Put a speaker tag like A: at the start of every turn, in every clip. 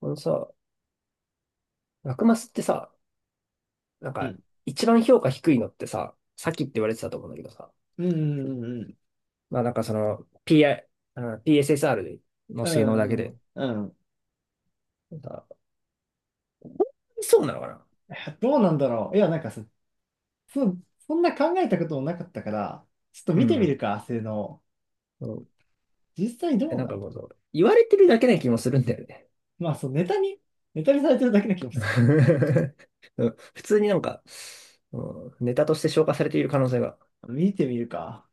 A: このさ、ラクマスってさ、なん
B: う
A: か、
B: ん。
A: 一番評価低いのってさ、さっきって言われてたと思うんだけどさ、
B: うん。
A: まあなんかその、PI、あの PSSR の
B: う
A: 性能だけ
B: ん。う
A: で、
B: ん。うんうん。
A: なんかそうなのかな。
B: どうなんだろう。いや、なんかそ、そんな考えたこともなかったから、ちょっと
A: う
B: 見てみる
A: ん。
B: か、明のを。
A: うん
B: 実際ど
A: え、
B: う
A: なん
B: な
A: か
B: んだ。
A: もうそう、言われてるだけな気もするんだよね。
B: まあ、そう、ネタにされてるだけな気もする。
A: うん、普通になんか、うん、ネタとして消化されている可能性が。
B: 見てみるか。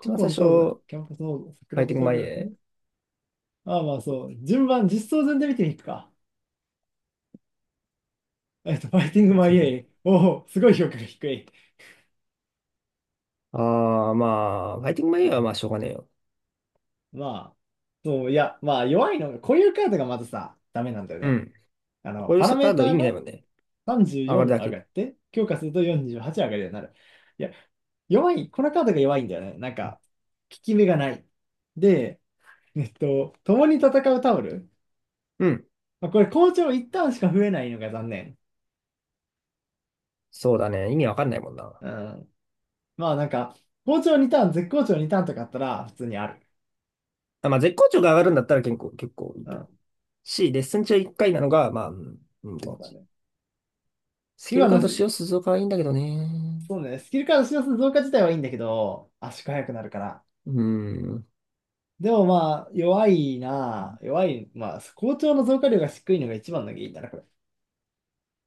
A: 一番最
B: 今
A: 初、
B: 東西、
A: フ
B: キャンパスモード、桜
A: ァイ
B: フ
A: ティ
B: ォ
A: ング
B: ト
A: マ
B: グ
A: イ
B: ラ
A: エ
B: フ。ああ、まあそう。順番、実装順で見てみるか。ファイティングマ
A: ー。
B: イエイ。おお、すごい評価が低い。
A: ああー、まあ、ファイティングマイエーはまあしょうがねえよ。
B: まあ、そう、いや、まあ、弱いのが、こういうカードがまずさ、ダメなんだよ
A: う
B: ね。
A: ん。
B: あの、
A: こうい
B: パラ
A: う
B: メ
A: カ
B: ー
A: ー
B: タ
A: ド意
B: ー
A: 味ない
B: が、
A: もんね。上がる
B: 34
A: だ
B: 上
A: け。
B: がって、強化すると48上がるようになる。いや、弱い、このカードが弱いんだよね。なんか、効き目がない。で、共に戦うタオル。
A: うん。
B: まあ、これ、好調1ターンしか増えないのが残念。
A: そうだね。意味わかんないもんな。
B: うん。まあ、なんか、好調2ターン、絶好調2ターンとかあったら、普通にある。
A: あ、まあ、絶好調が上がるんだったら結構いい
B: う
A: と思う。
B: ん。
A: し、レッスン中1回なのが、まあ、うん、うんって
B: そ
A: 感
B: うだ
A: じ。
B: ね。
A: スキ
B: 今
A: ルカ
B: の、
A: ード
B: そ
A: 使用するぞかはいいんだけどね。
B: うね、スキルカード使用数増加自体はいいんだけど、圧縮速くなるから。
A: うん、
B: でもまあ、弱いなあ、弱い、まあ、好調の増加量が低いのが一番の原因だな、これ。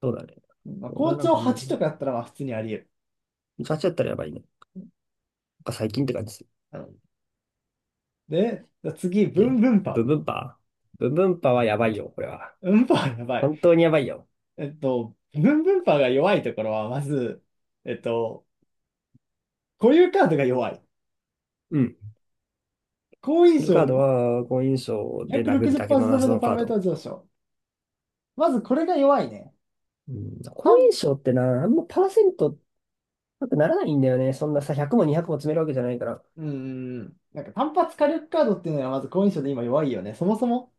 A: そうだね。
B: まあ、
A: 俺
B: 校
A: はなん
B: 長
A: かあんまり、
B: 8とかだったらまあ普通にあり
A: ガチだったらやばいね。なんか最近って感じ
B: 得る。で、じゃあ次、ブン
A: で、
B: ブン
A: ブ
B: パ
A: ンブンパー、ブンブンパーはやばいよ、これは。
B: ウ。ブンパウやばい。
A: 本当にやばいよ。
B: ブンブンパウが弱いところは、まず、えっと、固有カードが弱い。
A: うん。
B: 好
A: ス
B: 印
A: キルカー
B: 象
A: ド
B: の
A: は、好印象で殴るだけの
B: 160%分
A: 謎
B: の
A: の
B: パラ
A: カー
B: メー
A: ド。
B: タ上昇。まずこれが弱いね。
A: うん。好
B: 単、
A: 印象ってな、あんまパーセント高くならないんだよね。そんなさ、100も200も詰めるわけじゃないから。
B: うーん、なんか単発火力カードっていうのはまず好印象で今弱いよね。そもそも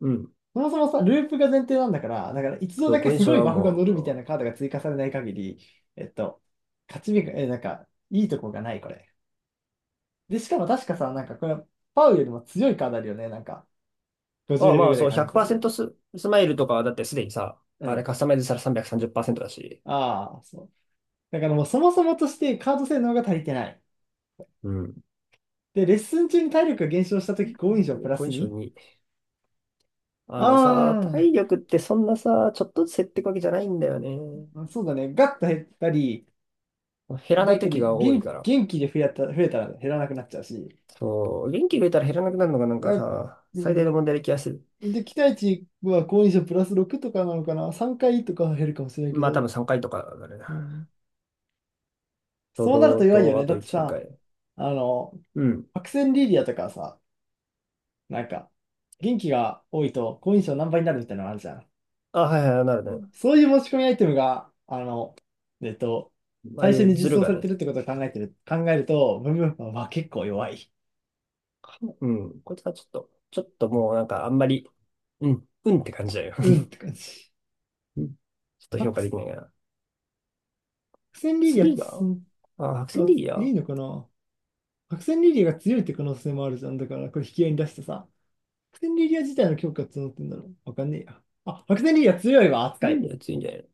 A: うん。
B: そもそもさ、ループが前提なんだから、だから一度
A: ど
B: だけ
A: こに
B: す
A: そ
B: ご
A: れ
B: い
A: は
B: バフが乗るみたい
A: も
B: なカードが追加されない限り、えっと、勝ち目が、なんか、いいとこがない、これ。で、しかも確かさ、なんかこれ、パウよりも強いカードあるよね、なんか、
A: う、あ
B: 50
A: あ、
B: レベ
A: まあ
B: ルぐら
A: そ
B: い
A: う、
B: 加味される。
A: 100%スマイルとかはだってすでにさ、
B: う
A: あれ
B: ん。
A: カスタマイズしたら330%だし、
B: ああ、そう。だからもうそもそもとしてカード性能が足りてない。
A: うん。
B: で、レッスン中に体力が減少したとき、5印象プラ
A: コ
B: ス
A: 印象
B: に。
A: に。あ
B: あ
A: のさ、体力ってそんなさ、ちょっとずつ減っていくわけじゃないんだよね。
B: あ、そうだね。ガッと減ったり、
A: 減ら
B: だ
A: ない
B: った
A: 時
B: り、
A: が多い
B: 元、
A: から。
B: 元気で増えたら減らなくなっちゃうし、
A: そう、元気入れたら減らなくなるのがなんか
B: あ、
A: さ、
B: う
A: 最大
B: ん。
A: の問題で気がする。
B: で、期待値は好印象プラス6とかなのかな ?3 回とかは減るかもしれないけ
A: まあ多分
B: ど、
A: 3回とかだね。
B: うん、
A: と
B: そうなる
A: 動
B: と弱いよ
A: と、あ
B: ね。だ
A: と
B: って
A: 1、2
B: さ、
A: 回。
B: あの、
A: うん。
B: 白線リリアとかさ、なんか、元気が多いと好印象何倍になるみたいなのあるじゃん。
A: あ、はいはい、なるね。
B: そういう持ち込みアイテムが、あの、えっと、
A: ああ
B: 最
A: い
B: 初
A: う
B: に
A: ズ
B: 実
A: ル
B: 装
A: が
B: されてる
A: ね。
B: ってことを考えると、ブンブンパンは結構弱い。
A: うん。こいつはちょっと、ちょっともうなんかあんまり、うん、うんって感じだよ。
B: うんって感じ。
A: うん、ちょっと評価で
B: 白
A: きないかな。
B: 線リリアって
A: 次が、あ、白線
B: あ、
A: リー
B: い
A: ア。
B: いのかな。白線リリアが強いって可能性もあるじゃん。だから、これ引き合いに出してさ。白線リリア自体の強化募ってんだろう。わかんねえや。あ、白線リリア強いわ、
A: ー。い
B: 扱
A: いね、
B: い。
A: 強いんじゃないの。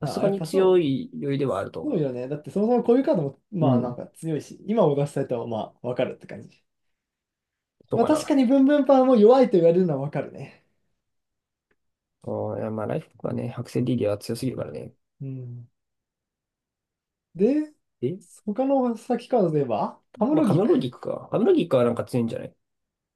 A: さす
B: あ、
A: が
B: やっ
A: に
B: ぱ
A: 強
B: そう。
A: い酔いではあると思
B: そう
A: う。
B: よね。だってそもそもこういうカードも、
A: う
B: まあなん
A: ん。
B: か強いし、今を出したいとはまあわかるって感じ。
A: そう
B: まあ
A: か
B: 確か
A: な。
B: にブンブンパンも弱いと言われるのはわかるね。
A: あ、いやまあ、ライフがね、白線リィアは強すぎるからね。
B: うん。で、
A: え、
B: 他の先カードで言えば、カム
A: まあ、
B: ロ
A: カ
B: ギ
A: ム
B: ク。
A: ロギクか。カムロギクはなんか強いんじゃない、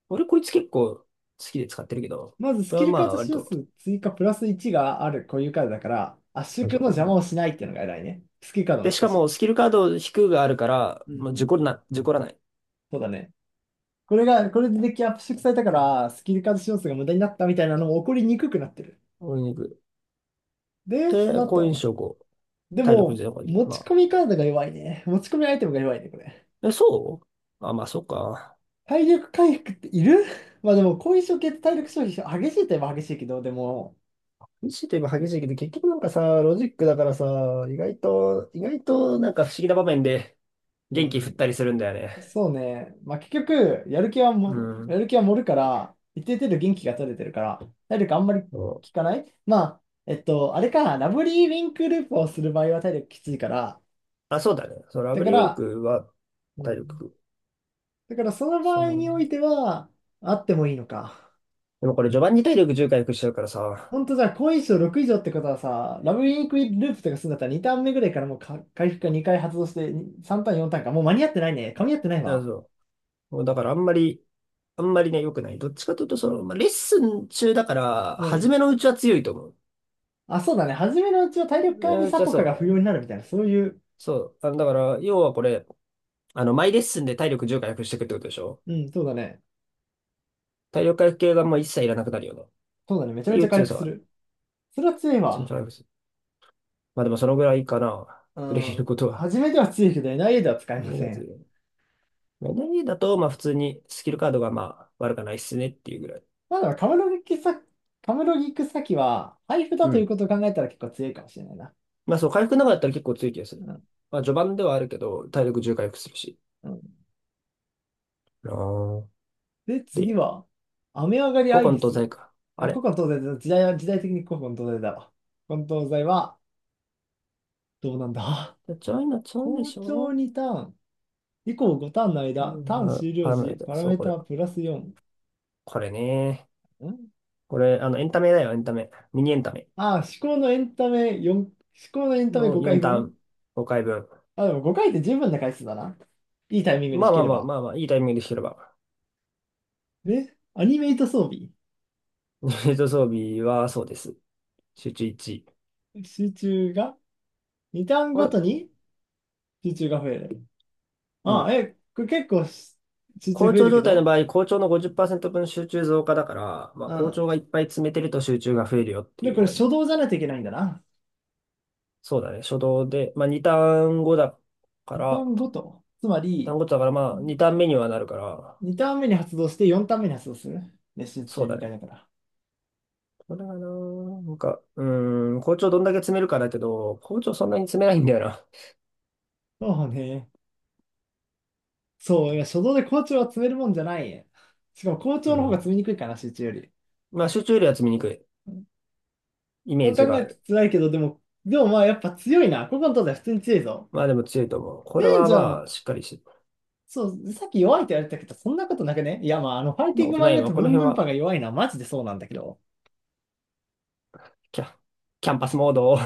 A: 俺こいつ結構好きで使ってるけど、
B: まずス
A: これ
B: キ
A: は
B: ル
A: ま
B: カー
A: あ、
B: ド使用数追加プラス1があるこういうカードだから、圧縮
A: 割と、
B: の邪
A: う
B: 魔
A: ん。
B: をしないっていうのが偉いね。スキルカードも
A: で、
B: 引
A: し
B: く
A: か
B: し。
A: も、スキルカード引くがあるから、
B: う
A: まあ、
B: ん、
A: 事故らない。
B: そうだね。これでデッキアップ縮されたから、スキル数要素が無駄になったみたいなのも起こりにくくなってる。
A: 俺に行く。
B: で、そ
A: で、
B: の
A: 好印
B: 後、
A: 象5。
B: で
A: 体力
B: も、
A: ゼロに。
B: 持ち
A: ま
B: 込
A: あ、
B: みカードが弱いね。持ち込みアイテムが弱いね、これ。
A: え、そう、あ、まあ、そっか。
B: 体力回復っている。 まあでも、後遺症系って体力消費激しいといえば激しいけど、でも、
A: 激しいといえば激しいけど、結局なんかさ、ロジックだからさ、意外となんか不思議な場面で
B: う
A: 元気振っ
B: ん、
A: たりするんだよね。
B: そうね。まあ結局、やる気は
A: う
B: も、
A: ん。
B: やる気は盛るから、一定程度元気が取れてるから、体力あんまり効
A: そう、
B: かない。まあ、あれか、ラブリーウィンクループをする場合は体力きついから、
A: あ、そうだね。そう、ラ
B: だ
A: ブ
B: か
A: リーウィン
B: ら、
A: クは
B: う
A: 体
B: ん、
A: 力、
B: だからその場
A: そん
B: 合
A: なも
B: におい
A: ん。
B: ては、あってもいいのか。
A: でもこれ序盤に体力重0回復しちゃうからさ、
B: ほんとじゃあ、5以上、6以上ってことはさ、ラブインクループとかするんだったら2ターン目ぐらいからもうか回復が2回発動してに3ターン、4ターンか。もう間に合ってないね。噛み合ってない
A: あ、
B: わ。
A: そう。もうだからあんまり、あんまりね、良くない。どっちかというと、その、まあ、レッスン中だから、
B: う
A: 初
B: ん。
A: めのうちは強いと思う。
B: あ、そうだね。初めのうちは体
A: 初
B: 力
A: め
B: 管
A: の
B: 理
A: う
B: サ
A: ちは
B: ポ
A: そ
B: カが不要にな
A: う。
B: るみたいな、そういう。
A: そう。あの、だから、要はこれ、あの、毎レッスンで体力重0回復していくってことでしょ。
B: うん、そうだね。
A: 体力回復系がもう一切いらなくなるよね。っ
B: そうだね。めちゃ
A: て
B: め
A: い
B: ちゃ
A: う
B: 回
A: 強
B: 復
A: さは
B: す
A: ある。
B: る。それは強い
A: ちゃん
B: わ。
A: とあります。まあでもそのぐらいかな。
B: う
A: 触れる
B: ん。
A: ことは。
B: 初めでは強いけど、エヌアイエーでは使え
A: う
B: ま
A: ん、ま
B: せん。
A: あ n だと、まあ普通にスキルカードがまあ悪くないっすねっていうぐらい。
B: まあでも、カムロギクサキは、配布だ
A: う
B: という
A: ん。
B: ことを考えたら結構強いかもしれないな。
A: まあそう、回復なかったら結構強い気がする。
B: うん
A: まあ序盤ではあるけど、体力10回復するし。
B: うん。
A: あー、
B: で、次
A: で、
B: は、雨上がりア
A: 古
B: イリ
A: 今東
B: ス。
A: 西か。あ
B: あ、古
A: れ、
B: 今東西だ。時代的に古今東西だわ。古今東西は、どうなんだ。
A: ちょいな、ちょいで
B: 校
A: し
B: 長
A: ょ。
B: 2ターン、以降5ターンの
A: う
B: 間、ターン
A: ん、あ、
B: 終
A: パ
B: 了
A: ラメラ
B: 時、
A: イ
B: パラ
A: そ
B: メ
A: う、
B: ー
A: これ。
B: タプラス4。
A: これね。
B: ん
A: これ、あの、エンタメだよ、エンタメ。ミニエンタメ
B: 思考のエンタメ4、思考のエンタメ
A: の
B: 5
A: 4
B: 回
A: ター
B: 分
A: ン、5回分。
B: あ、でも5回って十分な回数だな。いいタイミングに
A: ま
B: 弾
A: あ、ま
B: け
A: あ、
B: れ
A: まあ、
B: ば。
A: まあ、まあ、いいタイミングで弾てれば。
B: で、アニメイト装備。
A: ユニット装備はそうです。集中1。
B: 集中が、2ターン
A: こ
B: ご
A: れ、
B: とに集中が増える。
A: う
B: あ、
A: ん。
B: これ結構集中
A: 好
B: 増え
A: 調
B: るけ
A: 状態の
B: ど、
A: 場合、好調の50%分集中増加だから、まあ
B: う
A: 好
B: ん。
A: 調がいっぱい詰めてると集中が増えるよって
B: で、こ
A: 言
B: れ
A: われ
B: 初
A: て。
B: 動じゃないといけないんだな。
A: そうだね。初動で、まあ2ターン後だか
B: 2ター
A: ら、
B: ンごと。つまり、
A: 単語だからまあ2ターン目にはなるから、
B: 2ターン目に発動して4ターン目に発動する。練習
A: そ
B: 中
A: うだ
B: 2回
A: ね。
B: だから。
A: これがな、なんか、うーん、好調どんだけ詰めるかだけど、好調そんなに詰めないんだよな。
B: そうね。そう、いや、初動で校長は詰めるもんじゃない。しかも校
A: う
B: 長の方が
A: ん。
B: 詰めにくいかな、集中より。
A: まあ集中よりは詰めにくいイメ
B: そ
A: ー
B: う考
A: ジが
B: え
A: あ
B: ると
A: る。
B: 辛いけど、でも、まあやっぱ強いな。ここの東西普通に強いぞ。
A: まあでも強いと思う。こ
B: え
A: れ
B: え
A: は
B: じゃ
A: ま
B: ん。
A: あしっかりしてる、
B: そう、さっき弱いって言われたけど、そんなことなくね。いやまあ、あの、ファイ
A: そん
B: ティ
A: な
B: ン
A: こ
B: グ
A: と
B: マ
A: な
B: リ
A: い。
B: ア
A: まあ
B: と
A: こ
B: ブ
A: の
B: ンブ
A: 辺
B: ンパン
A: は
B: が弱いのはマジでそうなんだけど。
A: キャ、キャンパスモードを。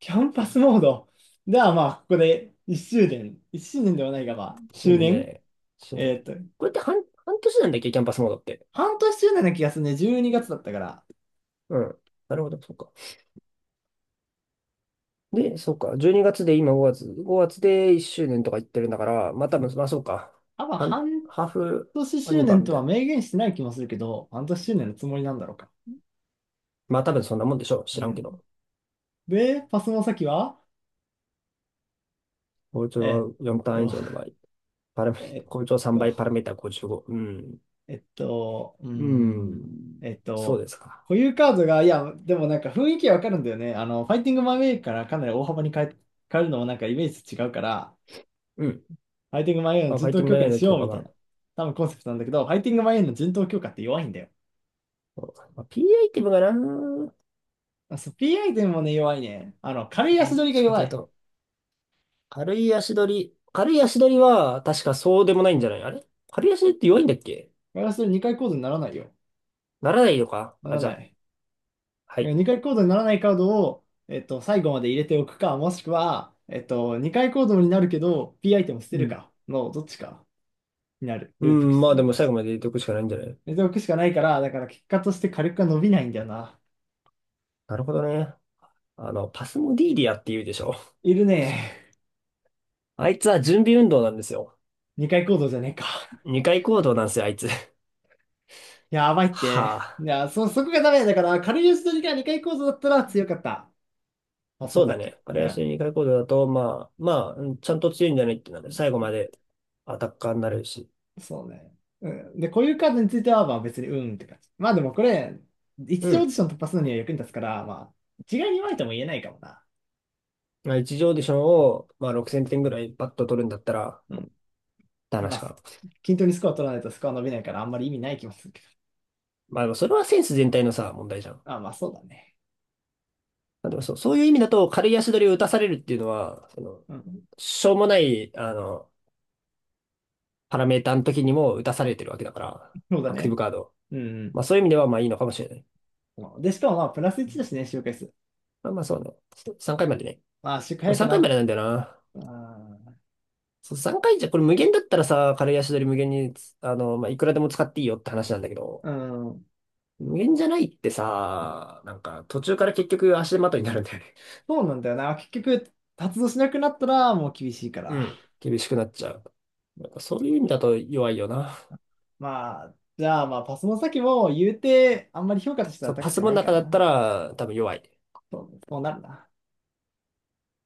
B: キャンパスモード。ではまあ、ここで1周年、1周年ではないが、まあ、
A: 死
B: 周
A: ぬんじゃな
B: 年、
A: い そ
B: え
A: う、
B: ーっと、
A: これって半、半年なんだっけ、キャンパスモードって。
B: 半年周年な気がするね。12月だったから。
A: うん。なるほど、そうか。で、そうか。12月で今5月。5月で1周年とか言ってるんだから、まあ多分、まあそうか。
B: 多分
A: 半、
B: 半
A: ハーフ
B: 年
A: ア
B: 周
A: ニバー
B: 年
A: み
B: と
A: た
B: は
A: いな。
B: 明言してない気もするけど、半年周年のつもりなんだろうか。
A: まあ多分そんなもんでしょう。知
B: う
A: らんけ
B: ん。
A: ど。
B: で、パスの先は、
A: 校
B: えーっ
A: 長4単ン以
B: と、
A: 上の場合。パラメ、
B: えーっ
A: 校長3
B: と、
A: 倍、パラメータ55。うん。
B: えーっと、うー
A: う
B: ん、
A: ん。
B: えーっ
A: そう
B: と、
A: ですか。
B: 固有カードが、いや、でもなんか雰囲気わかるんだよね。あの、ファイティングマンウェイからかなり大幅に変えるのもなんかイメージ違うから、
A: うん。
B: ファイティングマイエンの
A: まあ、フ
B: 人
A: ァイテ
B: 頭
A: ィング
B: 強化
A: メイ
B: に
A: ンの
B: し
A: 強
B: よう
A: 化
B: みたい
A: 版。
B: な。多分コンセプトなんだけど、ファイティングマイエンの人頭強化って弱いんだよ。
A: そう、まあ、P アイティムがな、ど
B: あ、そう、P アイテムもね、弱いね。あの、軽い足
A: っ
B: 取りが
A: ちかと
B: 弱
A: いう
B: い。
A: と、軽い足取りは確かそうでもないんじゃない、あれ、軽い足取りって弱いんだっけ。
B: ガ取り2回コードにならないよ。
A: ならないのか
B: な
A: あ、
B: ら
A: じゃあ、
B: ない。
A: はい。
B: 2回コードにならないカードを、最後まで入れておくか、もしくは、2回コードになるけど、P アイテム捨
A: う
B: てる
A: ん。
B: かの、どっちかになる。
A: う
B: ループ
A: ん、ま
B: す
A: あ
B: る
A: で
B: の。
A: も最後まで入れておくしかないんじゃない。
B: 入れておくしかないから、だから結果として火力が伸びないんだよな。
A: なるほどね。あの、パスモディーリアって言うでしょ。
B: いるね。
A: あいつは準備運動なんですよ。
B: 2回コードじゃねえか。
A: 二回行動なんですよ、あいつ。
B: やばいっ
A: は
B: て。い
A: あ。
B: や、そこがダメだから、軽い打ち取りが2回構造だったら強かった。パスの
A: そうだ
B: 先。
A: ね。軽
B: う
A: い足
B: ん。
A: 取り二回行動だと、まあ、まあ、うん、ちゃんと強いんじゃないってなる。最後までアタッカーになれるし。
B: そうね。うん。で、こういうカードについては、まあ別にうんって感じ。まあでもこれ、一
A: う
B: 次オーディ
A: ん。
B: ション突破するのには役に立つから、まあ、一概に言われても言えないかもな。
A: まあ、一次オーディションを、まあ、6000点ぐらいパッと取るんだったら、
B: う
A: っ
B: ん。
A: て
B: ま
A: 話か
B: あ、
A: な。
B: 均等にスコア取らないとスコア伸びないから、あんまり意味ない気もするけど。
A: まあ、でもそれはセンス全体のさ、問題じゃん。
B: あ、まあそうだね。
A: まあ、でもそう、そういう意味だと、軽い足取りを打たされるっていうのは、その、
B: うん。
A: しょうもない、あの、パラメーターの時にも打たされてるわけだから、
B: そうだ
A: アクティ
B: ね。
A: ブカード、
B: うん。
A: まあ、そういう意味では、まあ、いいのかもしれない。
B: うん。で、しかもまあ、プラス1だしね、周回数。
A: まあ、まあ、そうね。3回までね。
B: まあ、周回
A: こ
B: 速
A: れ
B: く
A: 3
B: な
A: 回ま
B: る。
A: でなんだよな。
B: あ
A: そう、3回じゃ、これ無限だったらさ、軽い足取り無限に、あの、まあ、いくらでも使っていいよって話なんだけ
B: ー、
A: ど、
B: うん。
A: 無限じゃないってさ、なんか、途中から結局足手まといになるんだよね。
B: そうなんだよな。結局、発動しなくなったらもう厳しいか
A: う
B: ら。
A: ん。厳しくなっちゃう。なんかそういう意味だと弱いよな。
B: まあ、じゃあまあ、パスの先も言うて、あんまり評価としては
A: そう、パ
B: 高
A: ス
B: く
A: も
B: な
A: の
B: いか
A: 中だった
B: な。
A: ら多分弱い。
B: そう、そうなるな。